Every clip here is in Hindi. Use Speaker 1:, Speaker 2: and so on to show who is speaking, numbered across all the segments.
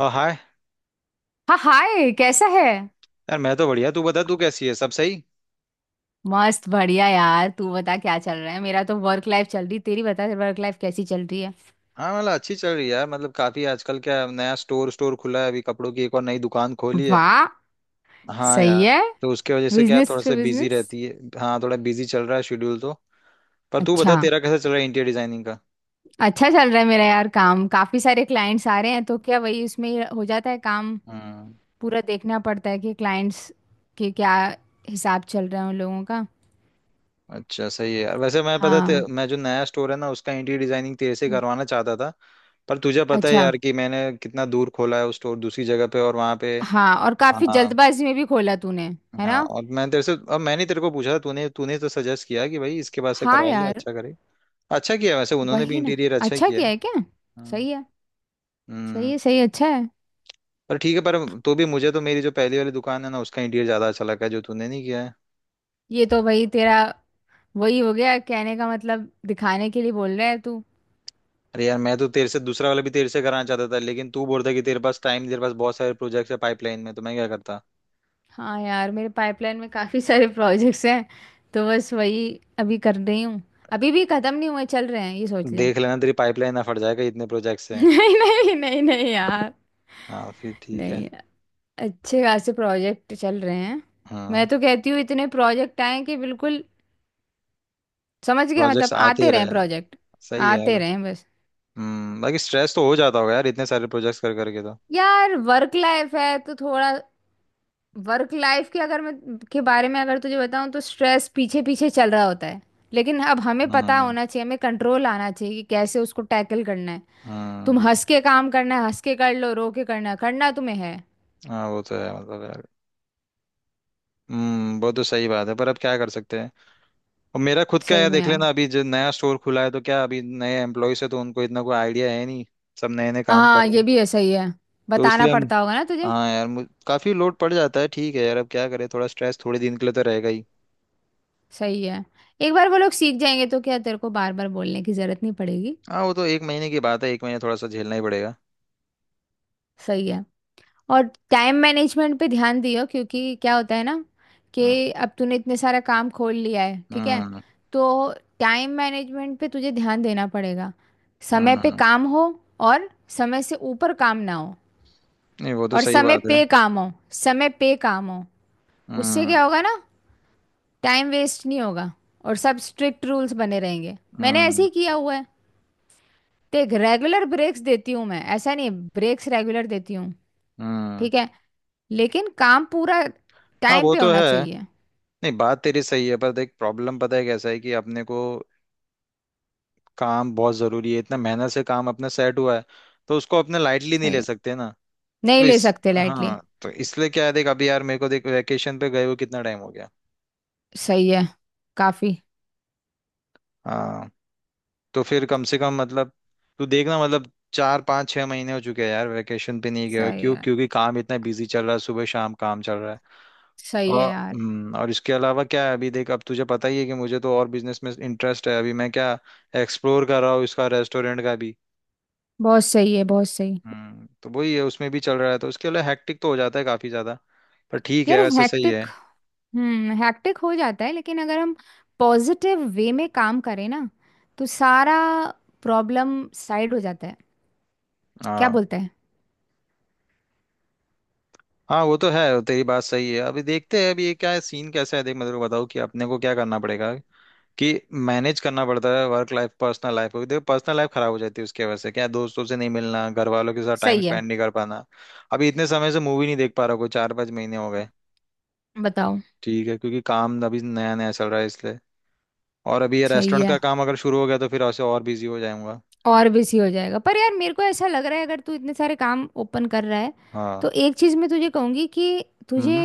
Speaker 1: हाँ हाय।
Speaker 2: हाँ, हाय। कैसा है?
Speaker 1: यार मैं तो बढ़िया। तू बता तू कैसी है, सब सही?
Speaker 2: मस्त बढ़िया यार। तू बता, क्या चल रहा है? मेरा तो वर्क लाइफ चल रही। तेरी बता, वर्क लाइफ कैसी चल रही है?
Speaker 1: हाँ मतलब अच्छी चल रही है यार। मतलब काफी आजकल क्या नया स्टोर स्टोर खुला है, अभी कपड़ों की एक और नई दुकान खोली है।
Speaker 2: वाह।
Speaker 1: हाँ
Speaker 2: सही
Speaker 1: यार।
Speaker 2: है।
Speaker 1: तो उसके वजह से क्या है,
Speaker 2: बिजनेस
Speaker 1: थोड़ा
Speaker 2: पे
Speaker 1: सा बिजी
Speaker 2: बिजनेस।
Speaker 1: रहती है। हाँ थोड़ा बिजी चल रहा है शेड्यूल तो। पर तू बता
Speaker 2: अच्छा,
Speaker 1: तेरा कैसा चल रहा है इंटीरियर डिजाइनिंग का?
Speaker 2: अच्छा चल रहा है मेरा यार। काम काफी सारे क्लाइंट्स आ रहे हैं तो क्या, वही उसमें ही हो जाता है काम।
Speaker 1: हम्म।
Speaker 2: पूरा देखना पड़ता है कि क्लाइंट्स के क्या हिसाब चल रहा है उन लोगों का।
Speaker 1: अच्छा सही है यार। वैसे
Speaker 2: हाँ।
Speaker 1: मैं जो नया स्टोर है ना उसका इंटीरियर डिजाइनिंग तेरे से करवाना चाहता था। पर तुझे पता है
Speaker 2: अच्छा।
Speaker 1: यार कि मैंने कितना दूर खोला है उस स्टोर, दूसरी जगह पे, और वहाँ पे।
Speaker 2: हाँ, और काफी
Speaker 1: हाँ।
Speaker 2: जल्दबाजी में भी खोला तूने। है
Speaker 1: हाँ
Speaker 2: ना।
Speaker 1: और मैं तेरे से अब मैंने तेरे को पूछा, तूने तूने तो सजेस्ट किया कि भाई इसके पास से
Speaker 2: हाँ
Speaker 1: करवा ले,
Speaker 2: यार।
Speaker 1: अच्छा करे। अच्छा किया, वैसे उन्होंने भी
Speaker 2: वही ना।
Speaker 1: इंटीरियर अच्छा
Speaker 2: अच्छा
Speaker 1: किया
Speaker 2: किया
Speaker 1: है।
Speaker 2: है क्या?
Speaker 1: हम्म।
Speaker 2: सही है। सही
Speaker 1: हम्म,
Speaker 2: है, सही है, अच्छा है।
Speaker 1: पर ठीक है, पर तो भी मुझे तो मेरी जो पहली वाली दुकान है ना उसका इंटीरियर ज्यादा अच्छा लगा है, जो तूने नहीं किया है।
Speaker 2: ये तो भाई तेरा वही हो गया, कहने का मतलब दिखाने के लिए बोल रहा है तू।
Speaker 1: अरे यार मैं तो तेरे से दूसरा वाला भी तेरे से कराना चाहता था, लेकिन तू बोल रहा कि तेरे पास टाइम, तेरे पास बहुत सारे प्रोजेक्ट्स है पाइपलाइन में, तो मैं क्या करता।
Speaker 2: हाँ यार, मेरे पाइपलाइन में काफ़ी सारे प्रोजेक्ट्स हैं। तो बस वही अभी कर रही हूँ। अभी भी ख़त्म नहीं हुए, चल रहे हैं, ये सोच ले।
Speaker 1: देख लेना तेरी पाइपलाइन ना फट जाएगा, इतने प्रोजेक्ट्स है।
Speaker 2: नहीं, नहीं, नहीं, नहीं यार।
Speaker 1: हाँ फिर ठीक है।
Speaker 2: नहीं, अच्छे खासे प्रोजेक्ट चल रहे हैं।
Speaker 1: हाँ
Speaker 2: मैं तो कहती हूँ इतने प्रोजेक्ट आए कि बिल्कुल समझ गया,
Speaker 1: प्रोजेक्ट्स
Speaker 2: मतलब
Speaker 1: आते
Speaker 2: आते रहें
Speaker 1: रहे।
Speaker 2: प्रोजेक्ट,
Speaker 1: सही है यार।
Speaker 2: आते रहें बस।
Speaker 1: हम्म। बाकी स्ट्रेस तो हो जाता होगा यार, इतने सारे प्रोजेक्ट्स कर करके तो।
Speaker 2: यार वर्क लाइफ है तो थोड़ा। वर्क लाइफ के अगर मैं के बारे में अगर तुझे बताऊं, तो स्ट्रेस पीछे पीछे चल रहा होता है। लेकिन अब हमें पता
Speaker 1: हम्म।
Speaker 2: होना चाहिए, हमें कंट्रोल आना चाहिए कि कैसे उसको टैकल करना है। तुम
Speaker 1: हम्म।
Speaker 2: हंस के काम करना है, हंस के कर लो, रो के करना है, करना तुम्हें है।
Speaker 1: हाँ वो तो है मतलब यार। वो तो सही बात है, पर अब क्या कर सकते हैं। और मेरा खुद का
Speaker 2: सही
Speaker 1: यार
Speaker 2: में
Speaker 1: देख
Speaker 2: यार।
Speaker 1: लेना, अभी जो नया स्टोर खुला है तो क्या, अभी नए एम्प्लॉयज है तो उनको इतना कोई आइडिया है नहीं। सब नए नए काम कर
Speaker 2: हाँ,
Speaker 1: रहे
Speaker 2: ये
Speaker 1: हैं।
Speaker 2: भी है, सही है।
Speaker 1: तो
Speaker 2: बताना
Speaker 1: इसलिए हम,
Speaker 2: पड़ता होगा ना तुझे।
Speaker 1: हाँ यार काफी लोड पड़ जाता है। ठीक है यार, अब क्या करें, थोड़ा स्ट्रेस थोड़े दिन के लिए तो रहेगा ही।
Speaker 2: सही है। एक बार वो लोग सीख जाएंगे तो क्या तेरे को बार बार बोलने की जरूरत नहीं पड़ेगी।
Speaker 1: हाँ वो तो एक महीने की बात है, एक महीने थोड़ा सा झेलना ही पड़ेगा।
Speaker 2: सही है। और टाइम मैनेजमेंट पे ध्यान दियो, क्योंकि क्या होता है ना
Speaker 1: हम्म।
Speaker 2: कि अब तूने इतने सारा काम खोल लिया है, ठीक है।
Speaker 1: हम्म।
Speaker 2: तो टाइम मैनेजमेंट पे तुझे ध्यान देना पड़ेगा। समय पे
Speaker 1: हम्म,
Speaker 2: काम हो, और समय से ऊपर काम ना हो,
Speaker 1: नहीं वो तो
Speaker 2: और
Speaker 1: सही
Speaker 2: समय
Speaker 1: बात है।
Speaker 2: पे काम हो, समय पे काम हो। उससे
Speaker 1: हम्म।
Speaker 2: क्या होगा ना, टाइम वेस्ट नहीं होगा। और सब स्ट्रिक्ट रूल्स बने रहेंगे, मैंने ऐसे
Speaker 1: हम्म।
Speaker 2: ही किया हुआ है। देख, रेगुलर ब्रेक्स देती हूँ मैं, ऐसा नहीं, ब्रेक्स रेगुलर देती हूँ।
Speaker 1: हम्म।
Speaker 2: ठीक है। लेकिन काम पूरा
Speaker 1: हाँ
Speaker 2: टाइम
Speaker 1: वो
Speaker 2: पे
Speaker 1: तो
Speaker 2: होना
Speaker 1: है।
Speaker 2: चाहिए।
Speaker 1: नहीं बात तेरी सही है, पर देख प्रॉब्लम पता है कैसा है कि अपने को काम बहुत जरूरी है, इतना मेहनत से काम अपना सेट हुआ है, तो उसको अपने लाइटली नहीं
Speaker 2: सही
Speaker 1: ले
Speaker 2: है।
Speaker 1: सकते ना।
Speaker 2: नहीं
Speaker 1: तो
Speaker 2: ले
Speaker 1: इस
Speaker 2: सकते लाइटली।
Speaker 1: हाँ तो इसलिए क्या है, देख अभी यार मेरे को देख वैकेशन पे गए हुए कितना टाइम हो गया।
Speaker 2: सही है। काफी।
Speaker 1: हाँ तो फिर कम से कम मतलब तू देखना, मतलब 4-5-6 महीने हो चुके हैं यार वैकेशन पे नहीं गया,
Speaker 2: सही
Speaker 1: क्यों?
Speaker 2: है।
Speaker 1: क्योंकि काम इतना बिजी चल रहा है, सुबह शाम काम चल रहा है।
Speaker 2: सही
Speaker 1: और
Speaker 2: है यार।
Speaker 1: हम्म, और इसके अलावा क्या है, अभी देख अब तुझे पता ही है कि मुझे तो और बिजनेस में इंटरेस्ट है, अभी मैं क्या एक्सप्लोर कर रहा हूँ इसका, रेस्टोरेंट का भी।
Speaker 2: बहुत सही है, बहुत सही।
Speaker 1: तो वही है, उसमें भी चल रहा है, तो उसके लिए हैक्टिक तो हो जाता है काफी ज्यादा। पर ठीक
Speaker 2: यार
Speaker 1: है, वैसे सही है।
Speaker 2: हैक्टिक। हम्म, हैक्टिक हो जाता है, लेकिन अगर हम पॉजिटिव वे में काम करें ना, तो सारा प्रॉब्लम साइड हो जाता है। क्या
Speaker 1: हाँ।
Speaker 2: बोलते हैं।
Speaker 1: हाँ वो तो है, तेरी बात सही है। अभी देखते हैं, अभी ये क्या है सीन कैसा है, देख मैं तेरे को बताऊँ कि अपने को क्या करना पड़ेगा, कि मैनेज करना पड़ता है वर्क लाइफ पर्सनल लाइफ को। देखो पर्सनल लाइफ खराब हो जाती है, उसकी वजह से क्या, दोस्तों से नहीं मिलना, घर वालों के साथ टाइम
Speaker 2: सही है।
Speaker 1: स्पेंड नहीं कर पाना। अभी इतने समय से मूवी नहीं देख पा रहा, कोई 4-5 महीने हो गए।
Speaker 2: बताओ।
Speaker 1: ठीक है, क्योंकि काम अभी नया नया चल रहा है इसलिए। और अभी ये
Speaker 2: सही
Speaker 1: रेस्टोरेंट
Speaker 2: है,
Speaker 1: का काम अगर शुरू हो गया तो फिर ऐसे और बिजी हो जाऊंगा।
Speaker 2: और बिजी हो जाएगा। पर यार, मेरे को ऐसा लग रहा है, अगर तू इतने सारे काम ओपन कर रहा है,
Speaker 1: हाँ।
Speaker 2: तो एक चीज मैं तुझे कहूंगी कि तुझे
Speaker 1: हम्म।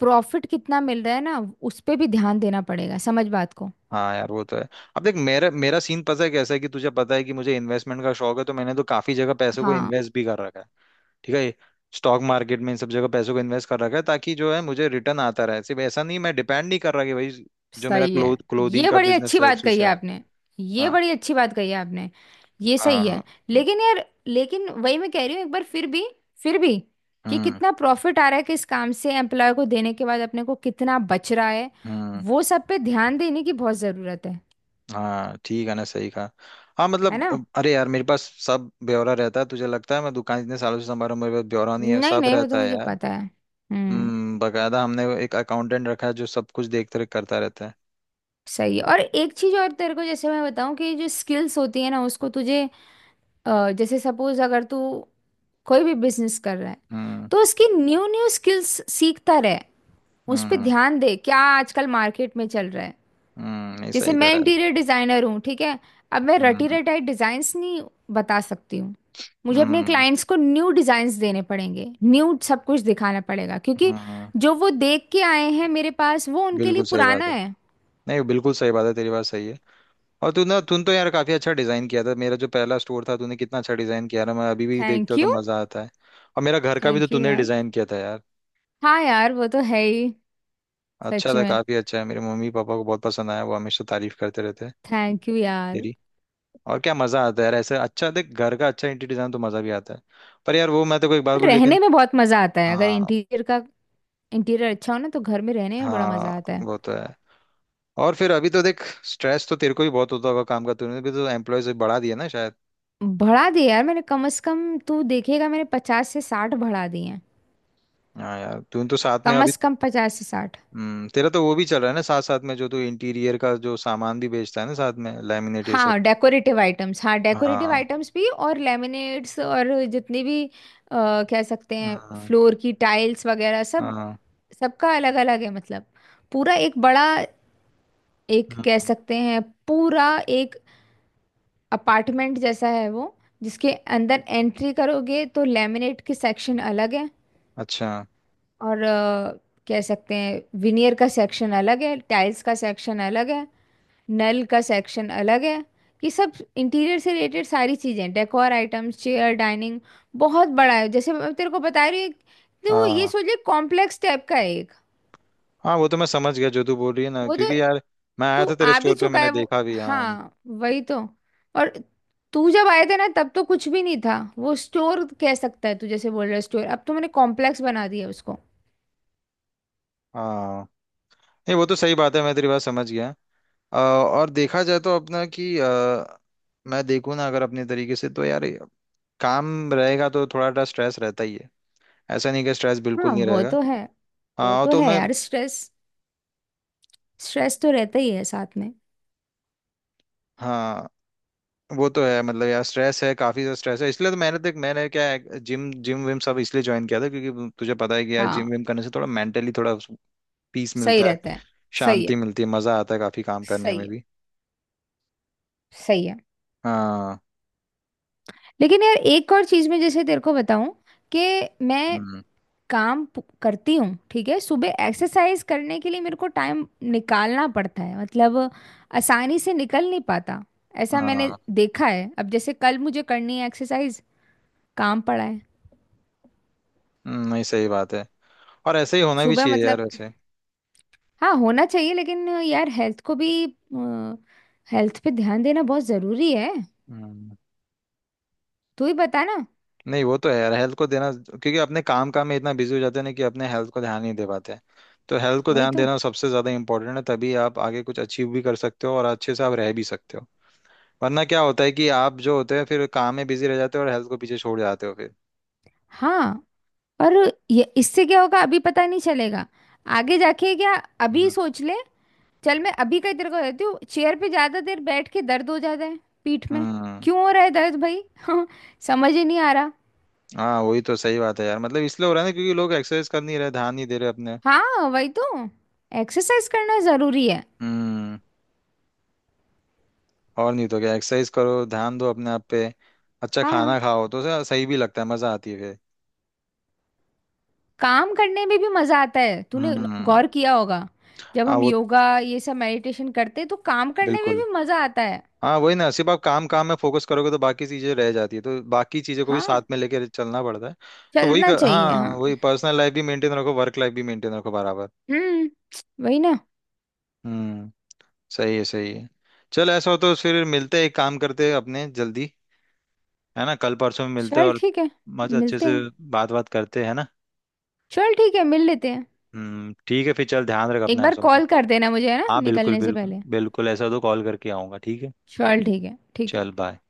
Speaker 2: प्रॉफिट कितना मिल रहा है ना, उस पे भी ध्यान देना पड़ेगा। समझ बात को।
Speaker 1: हाँ यार वो तो है। अब देख मेरा मेरा सीन पता है कैसा है, कि तुझे पता है कि मुझे इन्वेस्टमेंट का शौक है, तो मैंने तो काफी जगह पैसे को
Speaker 2: हाँ।
Speaker 1: इन्वेस्ट भी कर रखा है। ठीक है। स्टॉक मार्केट में, इन सब जगह पैसों को इन्वेस्ट कर रखा है, ताकि जो है मुझे रिटर्न आता रहे, सिर्फ ऐसा नहीं मैं डिपेंड नहीं कर रहा कि भाई जो मेरा
Speaker 2: सही है।
Speaker 1: क्लोथिंग
Speaker 2: ये
Speaker 1: का
Speaker 2: बड़ी
Speaker 1: बिजनेस
Speaker 2: अच्छी
Speaker 1: है
Speaker 2: बात
Speaker 1: उसी
Speaker 2: कही
Speaker 1: से
Speaker 2: है
Speaker 1: आया।
Speaker 2: आपने। ये
Speaker 1: हाँ।
Speaker 2: बड़ी अच्छी बात कही है आपने। ये सही
Speaker 1: हाँ।
Speaker 2: है। लेकिन यार, लेकिन वही मैं कह रही हूँ, एक बार फिर भी, फिर भी, कि
Speaker 1: हम्म।
Speaker 2: कितना प्रॉफिट आ रहा है किस काम से, एम्प्लॉय को देने के बाद अपने को कितना बच रहा है।
Speaker 1: हम्म।
Speaker 2: वो सब पे ध्यान देने की बहुत ज़रूरत है।
Speaker 1: हाँ ठीक है ना, सही कहा। हाँ
Speaker 2: है
Speaker 1: मतलब
Speaker 2: ना।
Speaker 1: अरे यार मेरे पास सब ब्यौरा रहता है, तुझे लगता है मैं दुकान इतने सालों से संभाल रहा हूँ मेरे पास ब्यौरा नहीं है?
Speaker 2: नहीं,
Speaker 1: सब
Speaker 2: नहीं, वो तो
Speaker 1: रहता है
Speaker 2: मुझे
Speaker 1: यार।
Speaker 2: पता है। हम्म।
Speaker 1: बकायदा हमने एक अकाउंटेंट रखा है जो सब कुछ देख रेख करता रहता है।
Speaker 2: सही है। और एक चीज और तेरे को जैसे मैं बताऊं, कि जो स्किल्स होती है ना, उसको तुझे, जैसे सपोज, अगर तू कोई भी बिजनेस कर रहा है,
Speaker 1: हम्म।
Speaker 2: तो उसकी न्यू न्यू स्किल्स सीखता रहे। उस पे
Speaker 1: हम्म।
Speaker 2: ध्यान दे, क्या आजकल मार्केट में चल रहा है।
Speaker 1: हम्म। नहीं
Speaker 2: जैसे
Speaker 1: सही कह
Speaker 2: मैं
Speaker 1: रहा है।
Speaker 2: इंटीरियर डिजाइनर हूँ, ठीक है। अब मैं रटी
Speaker 1: हम्म।
Speaker 2: रटाई डिजाइन्स नहीं बता सकती हूँ। मुझे अपने
Speaker 1: हम्म।
Speaker 2: क्लाइंट्स को न्यू डिजाइन्स देने पड़ेंगे, न्यू सब कुछ दिखाना पड़ेगा, क्योंकि
Speaker 1: हम्म।
Speaker 2: जो वो देख के आए हैं मेरे पास, वो उनके लिए
Speaker 1: बिल्कुल सही बात
Speaker 2: पुराना
Speaker 1: है।
Speaker 2: है।
Speaker 1: नहीं बिल्कुल सही बात है, तेरी बात सही है। और तू ना, तूने तो यार काफी अच्छा डिजाइन किया था मेरा, जो पहला स्टोर था तूने कितना अच्छा डिजाइन किया ना, मैं अभी भी देखता
Speaker 2: थैंक
Speaker 1: हूँ तो
Speaker 2: यू।
Speaker 1: मजा आता है। और मेरा घर का भी तो
Speaker 2: थैंक यू
Speaker 1: तूने
Speaker 2: यार।
Speaker 1: डिजाइन किया था यार।
Speaker 2: हाँ यार, वो तो है ही।
Speaker 1: अच्छा
Speaker 2: सच
Speaker 1: था,
Speaker 2: में।
Speaker 1: काफी अच्छा है, मेरे मम्मी पापा को बहुत पसंद आया, वो हमेशा तारीफ करते रहते हैं
Speaker 2: थैंक यू यार।
Speaker 1: तेरी। और क्या मजा आता है यार ऐसे, अच्छा देख, घर का अच्छा इंटीरियर डिजाइन तो मजा भी आता है। पर यार वो मैं तो एक बात बोलूं
Speaker 2: रहने
Speaker 1: लेकिन।
Speaker 2: में बहुत मजा आता है, अगर
Speaker 1: हाँ।
Speaker 2: इंटीरियर का, इंटीरियर अच्छा हो ना तो घर में रहने में बड़ा
Speaker 1: हाँ
Speaker 2: मजा आता है।
Speaker 1: वो तो है। और फिर अभी तो देख, स्ट्रेस तो तेरे को भी बहुत होता होगा काम का, तूने भी तो एम्प्लॉय से बढ़ा दिया ना शायद।
Speaker 2: बढ़ा दिए यार मैंने। कम से कम तू देखेगा, मैंने 50 से 60 बढ़ा दिए।
Speaker 1: हाँ यार तूने तो साथ में
Speaker 2: कम
Speaker 1: अभी।
Speaker 2: से कम 50 से 60।
Speaker 1: तेरा तो वो भी चल रहा है ना, साथ साथ में जो तू इंटीरियर का जो सामान भी बेचता है ना साथ में, लैमिनेट ये सब।
Speaker 2: हाँ, डेकोरेटिव आइटम्स, हाँ डेकोरेटिव
Speaker 1: हाँ।
Speaker 2: आइटम्स भी, और लेमिनेट्स, और जितनी भी कह सकते हैं,
Speaker 1: हाँ।
Speaker 2: फ्लोर की टाइल्स वगैरह सब।
Speaker 1: हाँ।
Speaker 2: सबका अलग अलग है, मतलब पूरा एक बड़ा, एक कह
Speaker 1: हाँ,
Speaker 2: सकते हैं, पूरा एक अपार्टमेंट जैसा है वो, जिसके अंदर एंट्री करोगे तो लेमिनेट के सेक्शन अलग है,
Speaker 1: अच्छा।
Speaker 2: और कह सकते हैं विनियर का सेक्शन अलग है, टाइल्स का सेक्शन अलग है, नल का सेक्शन अलग है। ये सब इंटीरियर से रिलेटेड सारी चीजें, डेकोर आइटम्स, चेयर, डाइनिंग, बहुत बड़ा है। जैसे मैं तेरे को बता रही हूँ तो वो, ये
Speaker 1: हाँ।
Speaker 2: सोच ले कॉम्प्लेक्स टाइप का है एक।
Speaker 1: हाँ वो तो मैं समझ गया जो तू बोल रही है ना,
Speaker 2: वो तो
Speaker 1: क्योंकि यार मैं आया
Speaker 2: तू
Speaker 1: था तेरे
Speaker 2: आ भी
Speaker 1: स्टोर पे,
Speaker 2: चुका
Speaker 1: मैंने
Speaker 2: है वो।
Speaker 1: देखा भी हाँ।
Speaker 2: हाँ वही तो। और तू जब आए थे ना, तब तो कुछ भी नहीं था वो स्टोर, कह सकता है तू, जैसे बोल रहा है स्टोर, अब तो मैंने कॉम्प्लेक्स बना दिया उसको।
Speaker 1: हाँ नहीं वो तो सही बात है, मैं तेरी बात समझ गया। और देखा जाए तो अपना कि मैं देखूँ ना अगर अपने तरीके से तो यार, काम रहेगा तो थोड़ा सा स्ट्रेस रहता ही है। ऐसा नहीं कि स्ट्रेस बिल्कुल
Speaker 2: हाँ
Speaker 1: नहीं
Speaker 2: वो
Speaker 1: रहेगा।
Speaker 2: तो है। वो
Speaker 1: हाँ
Speaker 2: तो
Speaker 1: तो
Speaker 2: है
Speaker 1: मैं।
Speaker 2: यार स्ट्रेस, स्ट्रेस तो रहता ही है साथ में।
Speaker 1: हाँ वो तो है मतलब यार, स्ट्रेस है, काफी ज्यादा स्ट्रेस है, इसलिए तो मैंने देख मैंने क्या है जिम जिम विम सब इसलिए ज्वाइन किया था, क्योंकि तुझे पता है कि यार
Speaker 2: हाँ,
Speaker 1: जिम विम करने से थोड़ा मेंटली थोड़ा पीस
Speaker 2: सही
Speaker 1: मिलता है,
Speaker 2: रहता है। सही
Speaker 1: शांति
Speaker 2: है।
Speaker 1: मिलती है, मजा आता है काफी काम करने
Speaker 2: सही
Speaker 1: में
Speaker 2: है।
Speaker 1: भी।
Speaker 2: सही है।
Speaker 1: हाँ।
Speaker 2: लेकिन यार एक और चीज में जैसे तेरे को बताऊं, कि मैं
Speaker 1: हम्म।
Speaker 2: करती हूँ, ठीक है। सुबह एक्सरसाइज करने के लिए मेरे को टाइम निकालना पड़ता है, मतलब आसानी से निकल नहीं पाता, ऐसा मैंने
Speaker 1: हाँ।
Speaker 2: देखा है। अब जैसे कल मुझे करनी है एक्सरसाइज, काम पड़ा है।
Speaker 1: नहीं सही बात है। और ऐसे ही होना भी
Speaker 2: सुबह,
Speaker 1: चाहिए यार
Speaker 2: मतलब,
Speaker 1: वैसे।
Speaker 2: हाँ, होना चाहिए। लेकिन यार हेल्थ को भी, हेल्थ पे ध्यान देना बहुत जरूरी है।
Speaker 1: हम्म।
Speaker 2: तू ही बता ना।
Speaker 1: नहीं वो तो है यार हेल्थ को देना, क्योंकि अपने काम काम में इतना बिजी हो जाते हैं ना, कि अपने हेल्थ को ध्यान नहीं दे पाते हैं। तो हेल्थ को
Speaker 2: वही
Speaker 1: ध्यान
Speaker 2: तो।
Speaker 1: देना सबसे ज्यादा इंपॉर्टेंट है, तभी आप आगे कुछ अचीव भी कर सकते हो और अच्छे से आप रह भी सकते हो। वरना क्या होता है कि आप जो होते हैं फिर काम में बिजी रह जाते हो और हेल्थ को पीछे छोड़ जाते हो फिर।
Speaker 2: हाँ। और ये, इससे क्या होगा अभी पता नहीं चलेगा, आगे जाके क्या, अभी
Speaker 1: हम्म।
Speaker 2: सोच ले। चल मैं अभी का ही तेरे को देती हूँ। चेयर पे ज्यादा देर बैठ के दर्द हो जाता है पीठ में।
Speaker 1: हम्म।
Speaker 2: क्यों हो रहा है दर्द भाई? समझ ही नहीं आ रहा।
Speaker 1: हाँ वही तो सही बात है यार, मतलब इसलिए हो रहा है ना क्योंकि लोग एक्सरसाइज कर नहीं रहे, ध्यान नहीं दे रहे अपने।
Speaker 2: हाँ वही तो। एक्सरसाइज करना जरूरी है।
Speaker 1: हम्म। और नहीं तो क्या, एक्सरसाइज करो, ध्यान दो अपने आप पे। अच्छा
Speaker 2: हाँ,
Speaker 1: खाना खाओ तो सही भी लगता है, मजा आती है फिर।
Speaker 2: काम करने में भी मजा आता है, तूने
Speaker 1: हम्म।
Speaker 2: गौर किया होगा। जब
Speaker 1: हाँ
Speaker 2: हम
Speaker 1: वो
Speaker 2: योगा ये सब मेडिटेशन करते हैं तो काम करने में
Speaker 1: बिल्कुल।
Speaker 2: भी मजा आता है।
Speaker 1: हाँ वही ना, सिर्फ आप काम काम में फोकस करोगे तो बाकी चीजें रह जाती है, तो बाकी चीजों को भी साथ
Speaker 2: हाँ।
Speaker 1: में लेकर चलना पड़ता है। तो वही
Speaker 2: चलना
Speaker 1: कर,
Speaker 2: चाहिए,
Speaker 1: हाँ वही,
Speaker 2: हाँ।
Speaker 1: पर्सनल लाइफ भी मेंटेन रखो वर्क लाइफ भी मेंटेन रखो बराबर।
Speaker 2: हम्म। वही ना।
Speaker 1: हम्म। सही है, सही है। चल ऐसा हो तो फिर मिलते हैं, एक काम करते हैं अपने जल्दी, है ना कल परसों में मिलते हैं,
Speaker 2: चल
Speaker 1: और
Speaker 2: ठीक है,
Speaker 1: मस्त अच्छे
Speaker 2: मिलते
Speaker 1: से
Speaker 2: हैं।
Speaker 1: बात बात करते हैं ना।
Speaker 2: चल ठीक है, मिल लेते हैं।
Speaker 1: ठीक है, फिर चल ध्यान रख
Speaker 2: एक
Speaker 1: अपना,
Speaker 2: बार
Speaker 1: ऐसा हो तो
Speaker 2: कॉल कर देना मुझे, है ना,
Speaker 1: हाँ बिल्कुल
Speaker 2: निकलने से
Speaker 1: बिल्कुल
Speaker 2: पहले।
Speaker 1: बिल्कुल, ऐसा हो तो कॉल करके आऊंगा ठीक है।
Speaker 2: चल ठीक है, ठीक है।
Speaker 1: चल बाय।